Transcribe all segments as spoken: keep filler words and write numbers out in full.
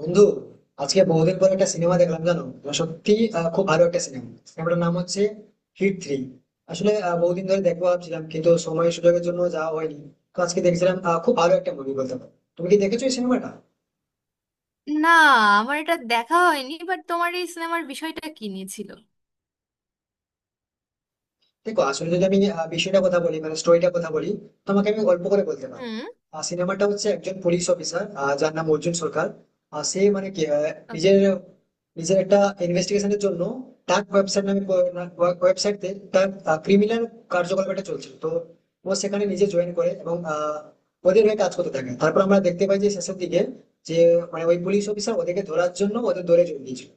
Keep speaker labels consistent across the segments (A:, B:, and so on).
A: বন্ধু, আজকে বহুদিন পর একটা সিনেমা দেখলাম জানো তো। সত্যি আহ, খুব ভালো একটা সিনেমা। সিনেমাটার নাম হচ্ছে হিট থ্রি। আসলে আহ, বহুদিন ধরে দেখবো ভাবছিলাম, কিন্তু সময় সুযোগের জন্য যাওয়া হয়নি। তো আজকে দেখছিলাম, আহ, খুব ভালো একটা মুভি বলতে পারো। তুমি কি দেখেছো এই সিনেমাটা?
B: না। আমার এটা দেখা হয়নি, বাট তোমার এই সিনেমার বিষয়টা কি নিয়েছিল?
A: দেখো, আসলে যদি আমি আহ, বিষয়টা কথা বলি, মানে স্টোরিটা কথা বলি, তোমাকে আমি গল্প করে বলতে পারি।
B: হুম।
A: আর সিনেমাটা হচ্ছে একজন পুলিশ অফিসার, যার নাম অর্জুন সরকার। আহ, সে মানে কি আহ, নিজের
B: ওকে।
A: নিজের একটা ইনভেস্টিগেশনের জন্য ডার্ক ওয়েবসাইট নামে ওয়েবসাইট, তার ক্রিমিনাল কার্যকলাপ একটা চলছিল তো, ও সেখানে নিজে জয়েন করে এবং আহ, ওদের হয়ে কাজ করতে থাকে। তারপর আমরা দেখতে পাই যে শেষের দিকে যে মানে ওই পুলিশ অফিসার ওদেরকে ধরার জন্য ওদের দৌড়ে জড়িয়ে দিয়েছিল।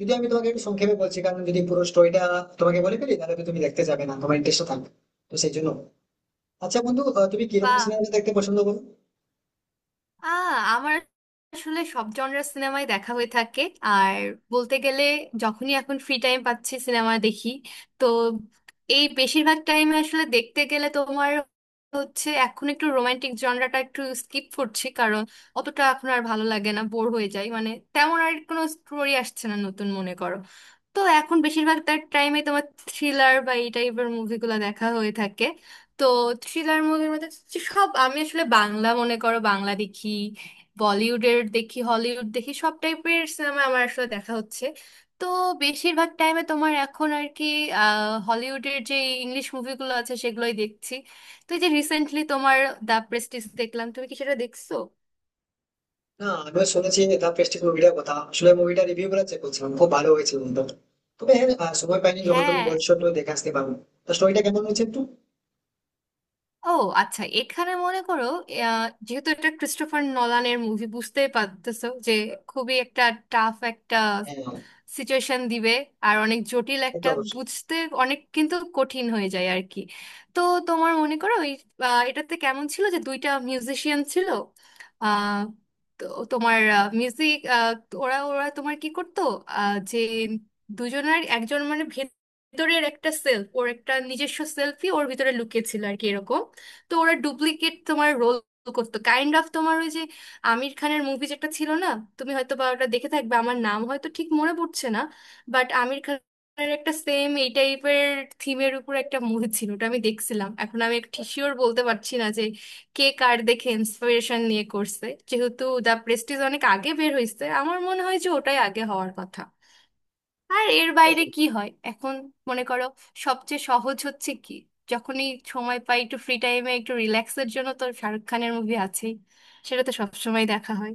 A: যদি আমি তোমাকে একটু সংক্ষেপে বলছি, কারণ যদি পুরো স্টোরিটা তোমাকে বলে ফেলি, তাহলে তো তুমি দেখতে যাবে না, তোমার ইন্টারেস্ট থাকবে, তো সেই জন্য। আচ্ছা বন্ধু, আহ, তুমি কিরকম
B: বাহ।
A: সিনেমা দেখতে পছন্দ করো?
B: আ আমার আসলে সব জনরার সিনেমাই দেখা হয়ে থাকে। আর বলতে গেলে, যখনই এখন ফ্রি টাইম পাচ্ছি সিনেমা দেখি। তো এই বেশিরভাগ টাইমে আসলে দেখতে গেলে তোমার হচ্ছে এখন একটু রোমান্টিক জনরাটা একটু স্কিপ করছি, কারণ অতটা এখন আর ভালো লাগে না, বোর হয়ে যায়, মানে তেমন আর কোনো স্টোরি আসছে না নতুন, মনে করো। তো এখন বেশিরভাগ তার টাইমে তোমার থ্রিলার বা এই টাইপের মুভিগুলো দেখা হয়ে থাকে। তো থ্রিলার মুভির মধ্যে হচ্ছে সব, আমি আসলে বাংলা মনে করো, বাংলা দেখি, বলিউডের দেখি, হলিউড দেখি, সব টাইপের সিনেমা আমার আসলে দেখা হচ্ছে। তো বেশিরভাগ টাইমে তোমার এখন আর কি, আহ, হলিউডের যে ইংলিশ মুভিগুলো আছে সেগুলোই দেখছি। তো এই যে রিসেন্টলি তোমার দ্য প্রেস্টিজ দেখলাম, তুমি কি সেটা দেখছো?
A: না, আমিও শুনেছি দ্য প্রেস্টিজ মুভিটার কথা। আসলে মুভিটা রিভিউ গুলো চেক করছিলাম, খুব ভালো হয়েছে বন্ধু। তবে হ্যাঁ, আহ, সময় পাইনি। যখন তুমি
B: হ্যাঁ।
A: বলছো, তো দেখে আসতে পারো। তো স্টোরিটা কেমন হয়েছে একটু?
B: ও আচ্ছা, এখানে মনে করো, আহ, যেহেতু এটা ক্রিস্টোফার নলানের মুভি, বুঝতেই পারতেছো যে খুবই একটা টাফ একটা
A: হ্যাঁ,
B: সিচুয়েশন দিবে। আর অনেক জটিল,
A: সে তো
B: একটা
A: অবশ্যই।
B: বুঝতে অনেক কিন্তু কঠিন হয়ে যায় আর কি। তো তোমার মনে করো ওই, আহ, এটাতে কেমন ছিল যে দুইটা মিউজিশিয়ান ছিল। আহ, তো তোমার মিউজিক, ওরা ওরা তোমার কি করতো, আহ, যে দুজনের একজন, মানে ভেতরের একটা সেলফ, ওর একটা নিজস্ব সেলফি ওর ভিতরে লুকিয়ে ছিল আর কি এরকম। তো ওরা ডুপ্লিকেট তোমার রোল করতো, কাইন্ড অফ তোমার আমির খানের মুভি যেটা ছিল না, তুমি হয়তো বা ওটা দেখে থাকবে, আমার নাম হয়তো ঠিক মনে পড়ছে না, বাট আমির খানের একটা সেম এই টাইপের থিমের উপর একটা মুভি ছিল, ওটা আমি দেখছিলাম। এখন আমি ঠিক শিওর বলতে পারছি না যে কে কার দেখে ইন্সপিরেশন নিয়ে করছে, যেহেতু দ্য প্রেস্টিজ অনেক আগে বের হয়েছে, আমার মনে হয় যে ওটাই আগে হওয়ার কথা। আর এর
A: হ্যাঁ,
B: বাইরে কি হয় এখন, মনে করো সবচেয়ে সহজ হচ্ছে কি, যখনই সময় পাই একটু ফ্রি টাইমে একটু রিল্যাক্সের জন্য, তো শাহরুখ খানের মুভি আছেই, সেটা তো সবসময় দেখা হয়।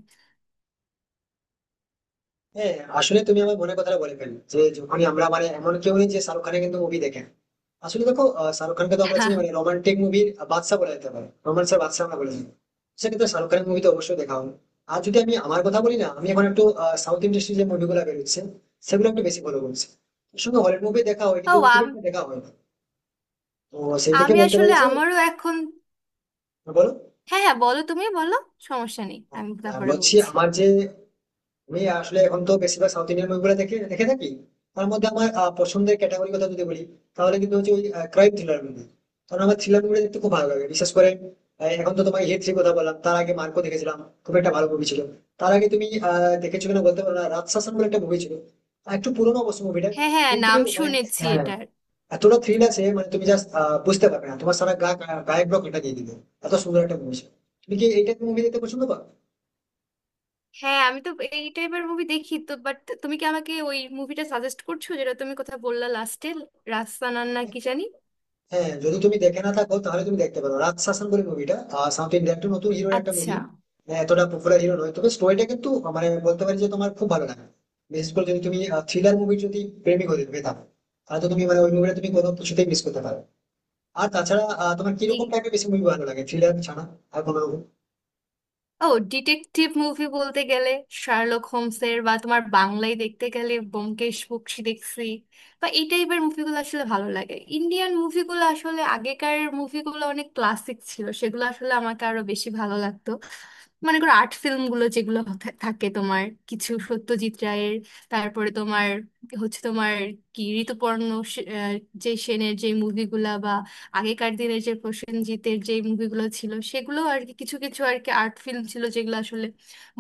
A: হ্যাঁ। আসলে তুমি আমার মনের কথাটা বলে ফেললে, যে যখনই আমরা, মানে এমন কেউ নেই যে শাহরুখ খানের কিন্তু মুভি দেখেন। আসলে দেখো, আহ, শাহরুখ খানকে তো আমরা চিনি মানে রোমান্টিক মুভির বাদশা বলা যেতে পারে, রোমান্সের বাদশা আমরা বলে থাকি। সেক্ষেত্রে শাহরুখ খানের মুভি তো অবশ্যই দেখা হবে। আর যদি আমি আমার কথা বলি না, আমি এখন একটু সাউথ ইন্ডাস্ট্রির যে মুভিগুলো বেরোচ্ছে সেগুলো একটু বেশি ফলো করছি। শুধু হলিউড মুভি দেখা হয়
B: ও
A: কিন্তু খুব
B: আম-
A: একটা দেখা হয় না। তো সেই থেকে
B: আমি
A: বলতে পারি
B: আসলে
A: যে
B: আমারও এখন।
A: বলো।
B: হ্যাঁ হ্যাঁ, বলো তুমি বলো, সমস্যা নেই, আমি
A: আহ,
B: তারপরে
A: বলছি
B: বলছি।
A: আমার যে আমি আসলে এখন তো বেশিরভাগ সাউথ ইন্ডিয়ান মুভিগুলো দেখে দেখে থাকি। তার মধ্যে আমার আহ, পছন্দের ক্যাটাগরি কথা যদি বলি, তাহলে কিন্তু হচ্ছে ওই ক্রাইম থ্রিলার মুভি। কারণ আমার থ্রিলার মুভি দেখতে খুব ভালো লাগে। বিশেষ করে আহ, এখন তো তোমাকে হিট থ্রি কথা বললাম, তার আগে মার্কো দেখেছিলাম, খুব একটা ভালো মুভি ছিল। তার আগে তুমি আহ দেখেছো কিনা বলতে পারো না, রাজশাসন বলে একটা মুভি ছিল, আহ, একটু পুরোনো অবশ্য মুভিটা,
B: হ্যাঁ হ্যাঁ,
A: কিন্তু
B: নাম
A: মানে
B: শুনেছি
A: হ্যাঁ
B: এটার।
A: এতটা থ্রিল আছে মানে তুমি জাস্ট বুঝতে পারবে না, তোমার সারা গা গায়ে ব্লক এটা দিয়ে দিবে। এত সুন্দর একটা মুভি ছিল। তুমি কি এই টাইপের মুভি দেখতে পছন্দ পাও?
B: হ্যাঁ আমি তো এই টাইপের মুভি দেখি তো, বাট তুমি কি আমাকে ওই মুভিটা সাজেস্ট করছো যেটা তুমি কথা বললা লাস্টে, রাস্তানার না কি জানি।
A: হ্যাঁ, যদি তুমি দেখে না থাকো তাহলে তুমি দেখতে পারো রাজ শাসন বলে মুভিটা। সাউথ ইন্ডিয়ান একটু নতুন হিরোর একটা মুভি,
B: আচ্ছা।
A: এতটা পপুলার হিরো নয়, তবে স্টোরিটা কিন্তু আহ, মানে বলতে পারি যে তোমার খুব ভালো লাগে। বিশেষ করে যদি তুমি থ্রিলার মুভি যদি প্রেমিক হয়ে যেতে থাকো, তাহলে তো তুমি মানে ওই মুভিটা তুমি কোনো কিছুতেই মিস করতে পারো। আর তাছাড়া আহ, তোমার
B: ঠিক।
A: কিরকম টাইপের বেশি মুভি ভালো লাগে, থ্রিলার ছাড়া আর কোনো রকম?
B: ও ডিটেকটিভ মুভি বলতে গেলে শার্লক হোমসের, বা তোমার বাংলায় দেখতে গেলে ব্যোমকেশ বক্সী দেখছি, বা এই টাইপের মুভিগুলো আসলে ভালো লাগে। ইন্ডিয়ান মুভিগুলো আসলে আগেকার মুভিগুলো অনেক ক্লাসিক ছিল, সেগুলো আসলে আমাকে আরো বেশি ভালো লাগতো। মনে করো আর্ট ফিল্ম গুলো যেগুলো থা- থাকে তোমার, কিছু সত্যজিৎ রায়ের, তারপরে তোমার হচ্ছে তোমার কি ঋতুপর্ণ সে- আহ, যে সেনের যে মুভিগুলা, বা আগেকার দিনের যে প্রসেনজিতের যে মুভিগুলো ছিল, সেগুলো আর কি, কিছু কিছু আর কি আর্ট ফিল্ম ছিল যেগুলো আসলে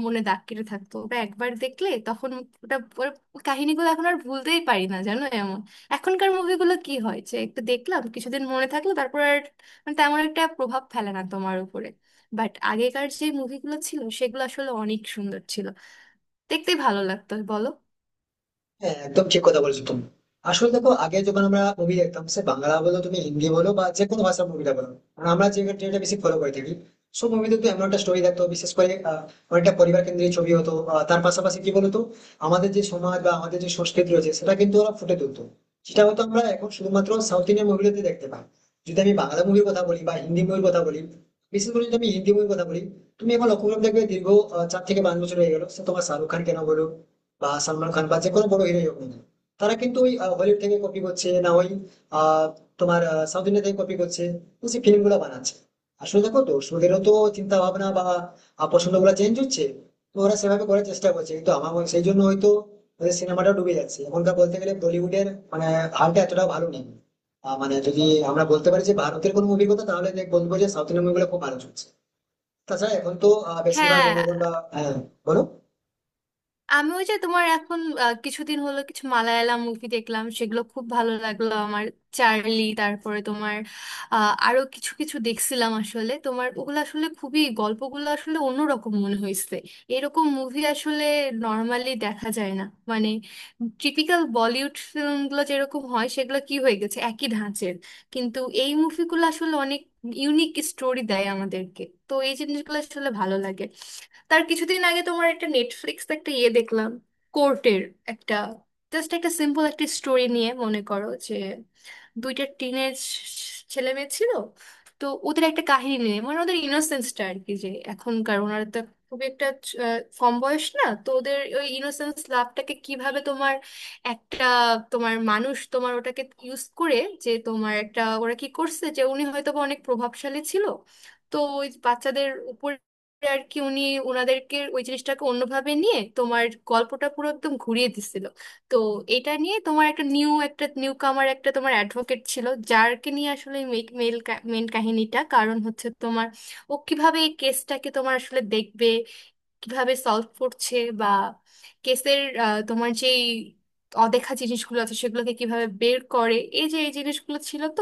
B: মনে দাগ কেটে থাকতো, ওটা একবার দেখলে তখন ওটা ওর কাহিনীগুলো এখন আর ভুলতেই পারি না, জানো এমন। এখনকার মুভিগুলো কি হয় যে একটু দেখলাম, কিছুদিন মনে থাকলো, তারপর আর মানে তেমন একটা প্রভাব ফেলে না তোমার উপরে। বাট আগেকার যে মুভিগুলো ছিল, সেগুলো আসলে অনেক সুন্দর ছিল, দেখতে ভালো লাগতো, বলো?
A: হ্যাঁ একদম ঠিক কথা বলেছো তুমি। আসলে দেখো, আগে যখন আমরা মুভি দেখতাম, সে বাংলা বলো তুমি, হিন্দি বলো, বা যে কোনো ভাষার মুভিটা বলো, কারণ আমরা যে ট্রেন্ডটা বেশি ফলো করে থাকি, সব মুভিতে তো এমন একটা স্টোরি থাকতো। বিশেষ করে আহ, অনেকটা পরিবার কেন্দ্রিক ছবি হতো। আহ, তার পাশাপাশি কি বলতো, আমাদের যে সমাজ বা আমাদের যে সংস্কৃতি রয়েছে সেটা কিন্তু ওরা ফুটে তুলতো। সেটা হয়তো আমরা এখন শুধুমাত্র সাউথ ইন্ডিয়ান মুভিগুলোতে দেখতে পাই। যদি আমি বাংলা মুভির কথা বলি বা হিন্দি মুভির কথা বলি, বিশেষ করে যদি আমি হিন্দি মুভির কথা বলি, তুমি এখন লক্ষ্য করে দেখবে দীর্ঘ আহ, চার থেকে পাঁচ বছর হয়ে গেল, সে তোমার শাহরুখ খান কেন বলো বা সালমান খান বা যে কোনো বড় হিরোই হোক না কেন, তারা কিন্তু ওই হলিউড থেকে কপি করছে না, ওই আহ, তোমার সাউথ ইন্ডিয়া থেকে কপি করছে, তো সেই ফিল্ম গুলো বানাচ্ছে। আসলে দেখো, দর্শকেরও তো চিন্তা ভাবনা বা পছন্দ গুলো চেঞ্জ হচ্ছে, তো ওরা সেভাবে করার চেষ্টা করছে, কিন্তু আমার মনে- সেই জন্য হয়তো ওদের সিনেমাটা ডুবে যাচ্ছে। এখনকার বলতে গেলে বলিউডের মানে হালটা এতটাও ভালো নেই। আহ, মানে যদি আমরা বলতে পারি যে ভারতের কোনো মুভির কথা, তাহলে দেখ- বলবো যে সাউথ ইন্ডিয়ান মুভিগুলো খুব ভালো চলছে। তাছাড়া এখন তো আহ, বেশিরভাগ
B: হ্যাঁ।
A: জনগণ বা হ্যাঁ বলো।
B: আমি ওই যে তোমার এখন আহ, কিছুদিন হলো কিছু মালায়ালাম মুভি দেখলাম, সেগুলো খুব ভালো লাগলো আমার। চার্লি, তারপরে তোমার, আহ, আরো কিছু কিছু দেখছিলাম আসলে তোমার, ওগুলো আসলে খুবই গল্পগুলো আসলে অন্যরকম মনে হয়েছে। এরকম মুভি আসলে নর্মালি দেখা যায় না। মানে টিপিক্যাল বলিউড ফিল্মগুলো যেরকম হয়, সেগুলো কি হয়ে গেছে একই ধাঁচের, কিন্তু এই মুভিগুলো আসলে অনেক ইউনিক স্টোরি দেয় আমাদেরকে। তো এই জিনিসগুলো আসলে ভালো লাগে। তার কিছুদিন আগে তোমার একটা নেটফ্লিক্স একটা ইয়ে দেখলাম, কোর্টের একটা, জাস্ট একটা সিম্পল একটা স্টোরি নিয়ে, মনে করো যে দুইটা টিনেজ ছেলে মেয়ে ছিল, তো ওদের একটা কাহিনী নিয়ে, মানে ওদের ইনোসেন্সটা আর কি, যে এখনকার ওনারা তো খুব একটা আহ, কম বয়স না, তো ওদের ওই ইনোসেন্স লাভটাকে কিভাবে তোমার একটা তোমার মানুষ তোমার ওটাকে ইউজ করে, যে তোমার একটা ওরা কি করছে যে উনি হয়তো বা অনেক প্রভাবশালী ছিল, তো ওই বাচ্চাদের উপর আর কি উনি ওনাদেরকে ওই জিনিসটাকে অন্যভাবে নিয়ে তোমার গল্পটা পুরো একদম ঘুরিয়ে দিছিল। তো এটা নিয়ে তোমার একটা নিউ একটা নিউ কামার একটা তোমার অ্যাডভোকেট ছিল, যারকে নিয়ে আসলে মেল মেন কাহিনীটা, কারণ হচ্ছে তোমার ও কিভাবে এই কেসটাকে তোমার আসলে দেখবে, কিভাবে সলভ করছে, বা কেসের তোমার যে অদেখা জিনিসগুলো আছে সেগুলোকে কিভাবে বের করে, এই যে এই জিনিসগুলো ছিল তো।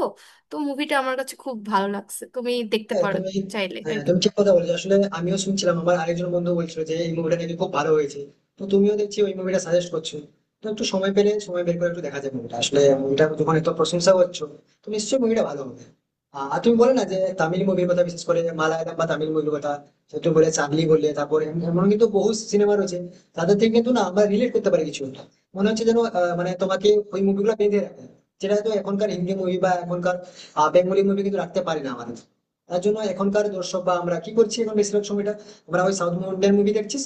B: তো মুভিটা আমার কাছে খুব ভালো লাগছে, তুমি দেখতে
A: হ্যাঁ
B: পারো
A: তুমি,
B: চাইলে আর
A: হ্যাঁ
B: কি।
A: তুমি ঠিক কথা বলেছো আসলে। আমিও শুনছিলাম, আমার আরেকজন বন্ধু বলছিল যে এই মুভিটা নাকি খুব ভালো হয়েছে। তো তুমিও দেখছি ওই মুভিটা সাজেস্ট করছো। তো একটু সময় পেলে সময় বের করে একটু দেখা যাবে মুভিটা। আসলে মুভিটা যখন এত প্রশংসা করছো, তো নিশ্চয়ই মুভিটা ভালো হবে। আহ, আর তুমি বলে না যে তামিল মুভির কথা, বিশেষ করে মালায়ালাম বা তামিল মুভির কথা, যে তুমি বলে চার্লি বললে, তারপরে এম- এমন কিন্তু বহু সিনেমা রয়েছে। তাদের থেকে কিন্তু না আমরা রিলেট করতে পারি কিছু একটা। মনে হচ্ছে যেন আহ, মানে তোমাকে ওই মুভিগুলো বেঁধে রাখে, যেটা হয়তো এখনকার হিন্দি মুভি বা এখনকার বেঙ্গলি মুভি কিন্তু রাখতে পারি না আমাদের। তার জন্য এখনকার দর্শক বা আমরা কি করছি, এখন বেশিরভাগ সময়টা আমরা ওই সাউথ ইন্ডিয়ান মুভি দেখছিস,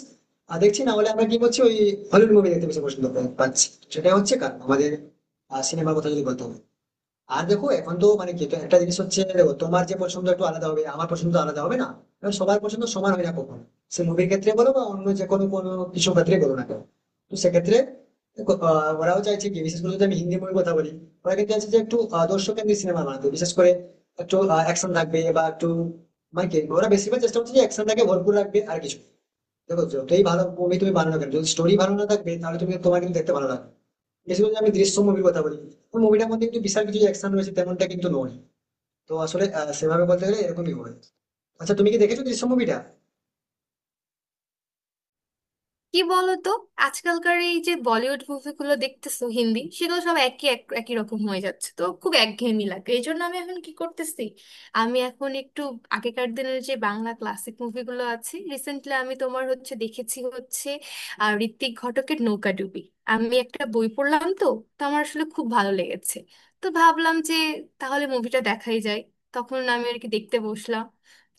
A: আর দেখছি না হলে আমরা কি করছি, ওই হলিউড মুভি দেখতে বেশি পছন্দ পাচ্ছি। সেটা হচ্ছে কারণ আমাদের সিনেমার কথা যদি বলতে হবে। আর দেখো এখন তো মানে কি, তো একটা জিনিস হচ্ছে দেখো, তোমার যে পছন্দ একটু আলাদা হবে, আমার পছন্দ আলাদা হবে না, কারণ সবার পছন্দ সমান হয় না কখনো। সে মুভির ক্ষেত্রে বলো বা অন্য যে কোনো কোনো কিছু ক্ষেত্রে বলো না কেন, তো সেক্ষেত্রে দেখো, আহ, ওরাও চাইছে কি, বিশেষ করে যদি আমি হিন্দি মুভির কথা বলি, ওরা কিন্তু চাইছে যে একটু আহ, দর্শক কেন্দ্রিক সিনেমা বানাতে। বিশেষ করে একটু অ্যাকশন থাকবে বা একটু মানে কি, ওরা বেশিরভাগ চেষ্টা করছে যে অ্যাকশনটাকে ভরপুর রাখবে, আর কিছু না। দেখো, যতই ভালো মুভি তুমি বানানো কেন, যদি স্টোরি ভালো না থাকবে, তাহলে তুমি তোমার কিন্তু দেখতে ভালো লাগবে না। বিশেষ করে আমি দৃশ্য মুভির কথা বলি, ওই মুভিটার মধ্যে কিন্তু বিশাল কিছু অ্যাকশন রয়েছে তেমনটা কিন্তু নয়। তো আসলে আহ, সেভাবে বলতে গেলে এরকমই হয়। আচ্ছা, তুমি কি দেখেছো দৃশ্য মুভিটা?
B: কি বলতো, আজকালকার এই যে বলিউড মুভিগুলো দেখতেছো হিন্দি, সেগুলো সব একই এক একই রকম হয়ে যাচ্ছে, তো খুব একঘেয়েমি লাগে। এই জন্য আমি এখন কি করতেছি, আমি এখন একটু আগেকার দিনের যে বাংলা ক্লাসিক মুভিগুলো আছে, রিসেন্টলি আমি তোমার হচ্ছে দেখেছি হচ্ছে আহ, ঋত্বিক ঘটকের নৌকাডুবি। আমি একটা বই পড়লাম তো, তো আমার আসলে খুব ভালো লেগেছে, তো ভাবলাম যে তাহলে মুভিটা দেখাই যায়, তখন আমি আর কি দেখতে বসলাম।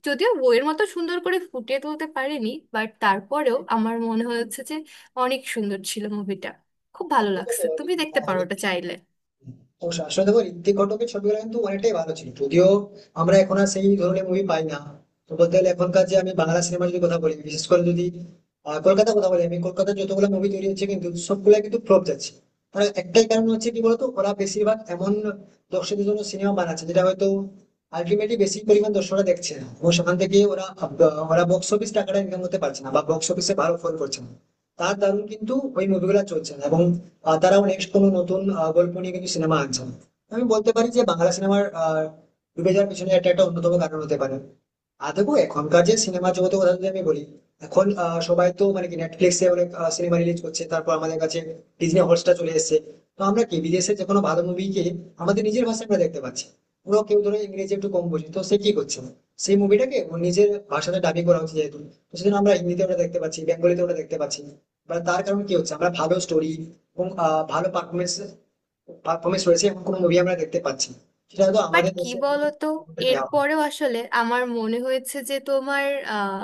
B: যদিও বইয়ের মতো সুন্দর করে ফুটিয়ে তুলতে পারেনি, বাট তারপরেও আমার মনে হয়েছে যে অনেক সুন্দর ছিল মুভিটা, খুব ভালো
A: আসলে
B: লাগছে,
A: দেখো,
B: তুমি
A: ঋ-
B: দেখতে
A: হ্যাঁ,
B: পারো ওটা
A: ঋত্বিক,
B: চাইলে।
A: অবশ্যই। আসলে দেখো, ঋত্বিক ঘটকের ছবিগুলো কিন্তু অনেকটাই ভালো ছিল, যদিও আমরা এখন আর সেই ধরনের মুভি পাই না। তো বলতে গেলে এখনকার যে আমি বাংলা সিনেমা যদি কথা বলি, বিশেষ করে যদি আহ, কলকাতার কথা বলি, আমি কলকাতার যতগুলো মুভি তৈরি হচ্ছে কিন্তু সবগুলো কিন্তু ফ্লপ যাচ্ছে। তার একটাই কারণ হচ্ছে কি বলতো, ওরা বেশিরভাগ এমন দর্শকদের জন্য সিনেমা বানাচ্ছে যেটা হয়তো আলটিমেটলি বেশি পরিমাণ দর্শকরা দেখছে না, এবং সেখান থেকে ওরা আহ, ওরা বক্স অফিস টাকাটা ইনকাম করতে পারছে না, বা বক্স অফিসে ভালো ফল করছে না। তার দারুণ কিন্তু ওই মুভিগুলো চলছে না, এবং আহ, তারাও নেক্সট কোনো নতুন আহ, গল্প নিয়ে কিন্তু সিনেমা আনছে না। আমি বলতে পারি যে বাংলা সিনেমার আহ, ডুবে যাওয়ার পিছনে এটা একটা অন্যতম কারণ হতে পারে। আর দেখো এখনকার যে সিনেমা জগতের কথা যদি আমি বলি, এখন আহ, সবাই তো মানে কি নেটফ্লিক্সে অনেক সিনেমা রিলিজ করছে, তারপর আমাদের কাছে ডিজনি হটস্টার চলে এসেছে। তো আমরা কি, বিদেশে যে কোনো ভালো মুভিকে আমাদের নিজের ভাষায় আমরা দেখতে পাচ্ছি। পুরো কেউ ধরো ইংরেজি একটু কম বোঝে, তো সে কি করছে, সেই মুভিটাকে ওর নিজের ভাষাতে ডাবিং করা হচ্ছে যেহেতু, তো সেজন্য আমরা হিন্দিতে ওটা দেখতে পাচ্ছি, বেঙ্গলিতে ওটা দেখতে পাচ্ছি। বা তার কারণ কি হচ্ছে, আমরা ভালো স্টোরি এবং আহ, ভালো পারফরমেন্স পারফরমেন্স রয়েছে এমন কোনো মুভি আমরা দেখতে পাচ্ছি না। সেটা হয়তো
B: বাট
A: আমাদের
B: কি
A: দেশে এখনো
B: বলতো,
A: তেমনটা দেওয়া হয় না।
B: এরপরেও আসলে আমার মনে হয়েছে যে তোমার, আহ,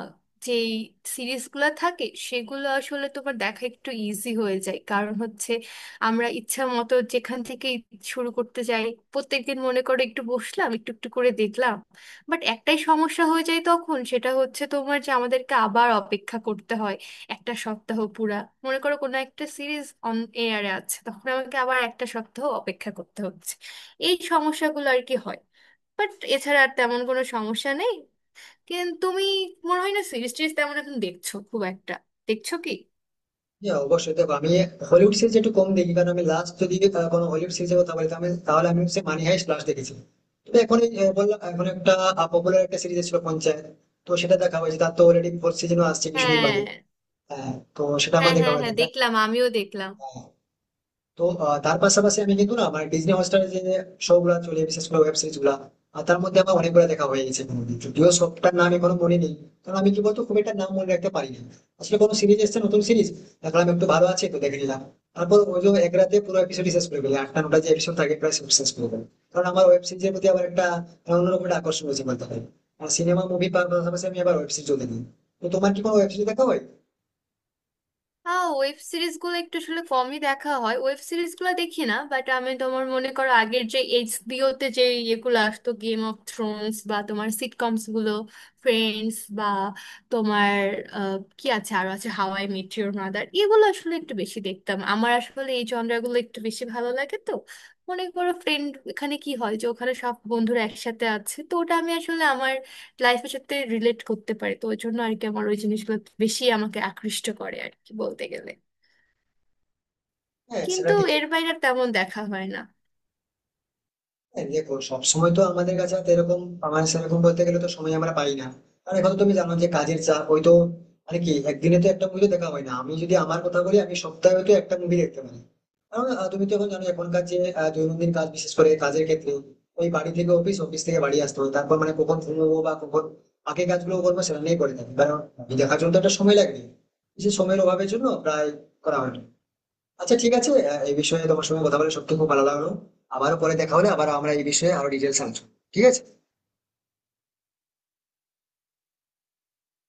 B: যেই সিরিজগুলো থাকে, সেগুলো আসলে তোমার দেখা একটু ইজি হয়ে যায়, কারণ হচ্ছে আমরা ইচ্ছা মতো যেখান থেকে শুরু করতে যাই। প্রত্যেকদিন মনে করো একটু বসলাম, একটু একটু করে দেখলাম। বাট একটাই সমস্যা হয়ে যায় তখন, সেটা হচ্ছে তোমার যে আমাদেরকে আবার অপেক্ষা করতে হয় একটা সপ্তাহ পুরা। মনে করো কোনো একটা সিরিজ অন এয়ারে আছে, তখন আমাকে আবার একটা সপ্তাহ অপেক্ষা করতে হচ্ছে। এই সমস্যাগুলো আর কি হয়, বাট এছাড়া আর তেমন কোনো সমস্যা নেই। কিন্তু তুমি মনে হয় না সিরিজ টিরিজ তেমন এখন দেখছো খুব একটা, দেখছো কি?
A: হ্যাঁ অবশ্যই, দেখো আমি হলিউড সিরিজ একটু কম দেখি। কারণ আমি লাস্ট যদি আহ, কোনো হলিউড সিরিজের কথা বলি, তাহলে তাহলে আমি হচ্ছে মানি হাইস্ট লাস্ট দেখেছি। তো এখন এই, আহ, বললাম, এখন একটা পপুলার একটা সিরিজ ছিল পঞ্চায়েত, তো সেটা দেখা হয়েছে। তার তো অলরেডি ফোর্থ সিজনও আসছে কিছুদিন বাদে।
B: হ্যাঁ
A: হ্যাঁ, তো সেটা আমার
B: হ্যাঁ
A: দেখা
B: হ্যাঁ
A: হয়ে
B: হ্যাঁ, দেখলাম আমিও দেখলাম।
A: থাকে। তো আহ, তার পাশাপাশি আমি কিন্তু না, আমার ডিজনি হটস্টারে যে শো গুলা চলে বিশেষ করে ওয়েব সিরিজ গুলা, আর তার মধ্যে আমার অনেকগুলো দেখা হয়ে গেছে কোনোদিন। যদিও সবটার নাম এখনো মনে নেই, কারণ আমি কি বলতো খুব একটা নাম মনে রাখতে পারি না। আসলে কোনো সিরিজ এসছে নতুন সিরিজ, দেখলাম একটু ভালো আছে, তো দেখে নিলাম। তারপর ওই যে এক রাতে পুরো এপিসোড শেষ করে ফেলে, আটটা নটা যে এপিসোড থাকে প্রায় সব শেষ করে ফেলে। কারণ আমার ওয়েব সিরিজের প্রতি আবার একটা অন্যরকম একটা আকর্ষণ রয়েছে বলতে পারি। আর সিনেমা মুভি পাশাপাশি আমি আবার ওয়েব সিরিজ চলতে দিই। তো তোমার কি কোনো ওয়েব সিরিজ দেখা হয়?
B: আহ ওয়েব সিরিজগুলো একটু আসলে কমই দেখা হয়, ওয়েব সিরিজগুলো দেখি না, বাট আমি তোমার মনে করো আগের যে এইচবিও তে যে ইয়েগুলো আসতো, গেম অফ থ্রোনস বা তোমার সিটকমস গুলো ফ্রেন্ডস, বা তোমার আহ, কি আছে, আরো আছে how I met your mother, এগুলো আসলে একটু বেশি দেখতাম। আমার আসলে এই জনরাগুলো একটু বেশি ভালো লাগে তো। মনে করো ফ্রেন্ড, এখানে কি হয় যে ওখানে সব বন্ধুরা একসাথে আছে, তো ওটা আমি আসলে আমার লাইফের সাথে রিলেট করতে পারি, তো ওই জন্য আর কি আমার ওই জিনিসগুলো বেশি আমাকে আকৃষ্ট করে আর কি বলতে গেলে।
A: হ্যাঁ সেটা
B: কিন্তু
A: ঠিকই।
B: এর বাইরে আর তেমন দেখা হয় না।
A: হ্যাঁ, দেখো, সবসময় তো আমাদের কাছে হাতে এরকম, আমার সেরকম বলতে গেলে তো সময় আমরা পাই না। কারণ এখন তো তুমি জানো যে কাজের চাপ ওই তো, মানে কি একদিনে তো একটা মুভি তো দেখা হয় না। আমি যদি আমার কথা বলি, আমি সপ্তাহে তো একটা মুভি দেখতে পারি। কারণ আহ, তুমি তো এখন জানো এখনকার যে আহ, দৈনন্দিন কাজ, বিশেষ করে কাজের ক্ষেত্রে ওই বাড়ি থেকে অফিস, অফিস থেকে বাড়ি আসতে হবে। তারপর মানে কখন ঘুমবো বা কখন বাকি কাজগুলো করবো সেটা নিয়ে করে থাকি, কারণ আমি দেখার জন্য তো একটা সময় লাগবে। সেই সময়ের অভাবের জন্য প্রায় করা হয় না। আচ্ছা, ঠিক আছে, আহ, এই বিষয়ে তোমার সঙ্গে কথা বলে সত্যি খুব ভালো লাগলো। আবারও পরে দেখা হলে আবার আমরা এই বিষয়ে আরো ডিটেলস আলোচনা, ঠিক আছে?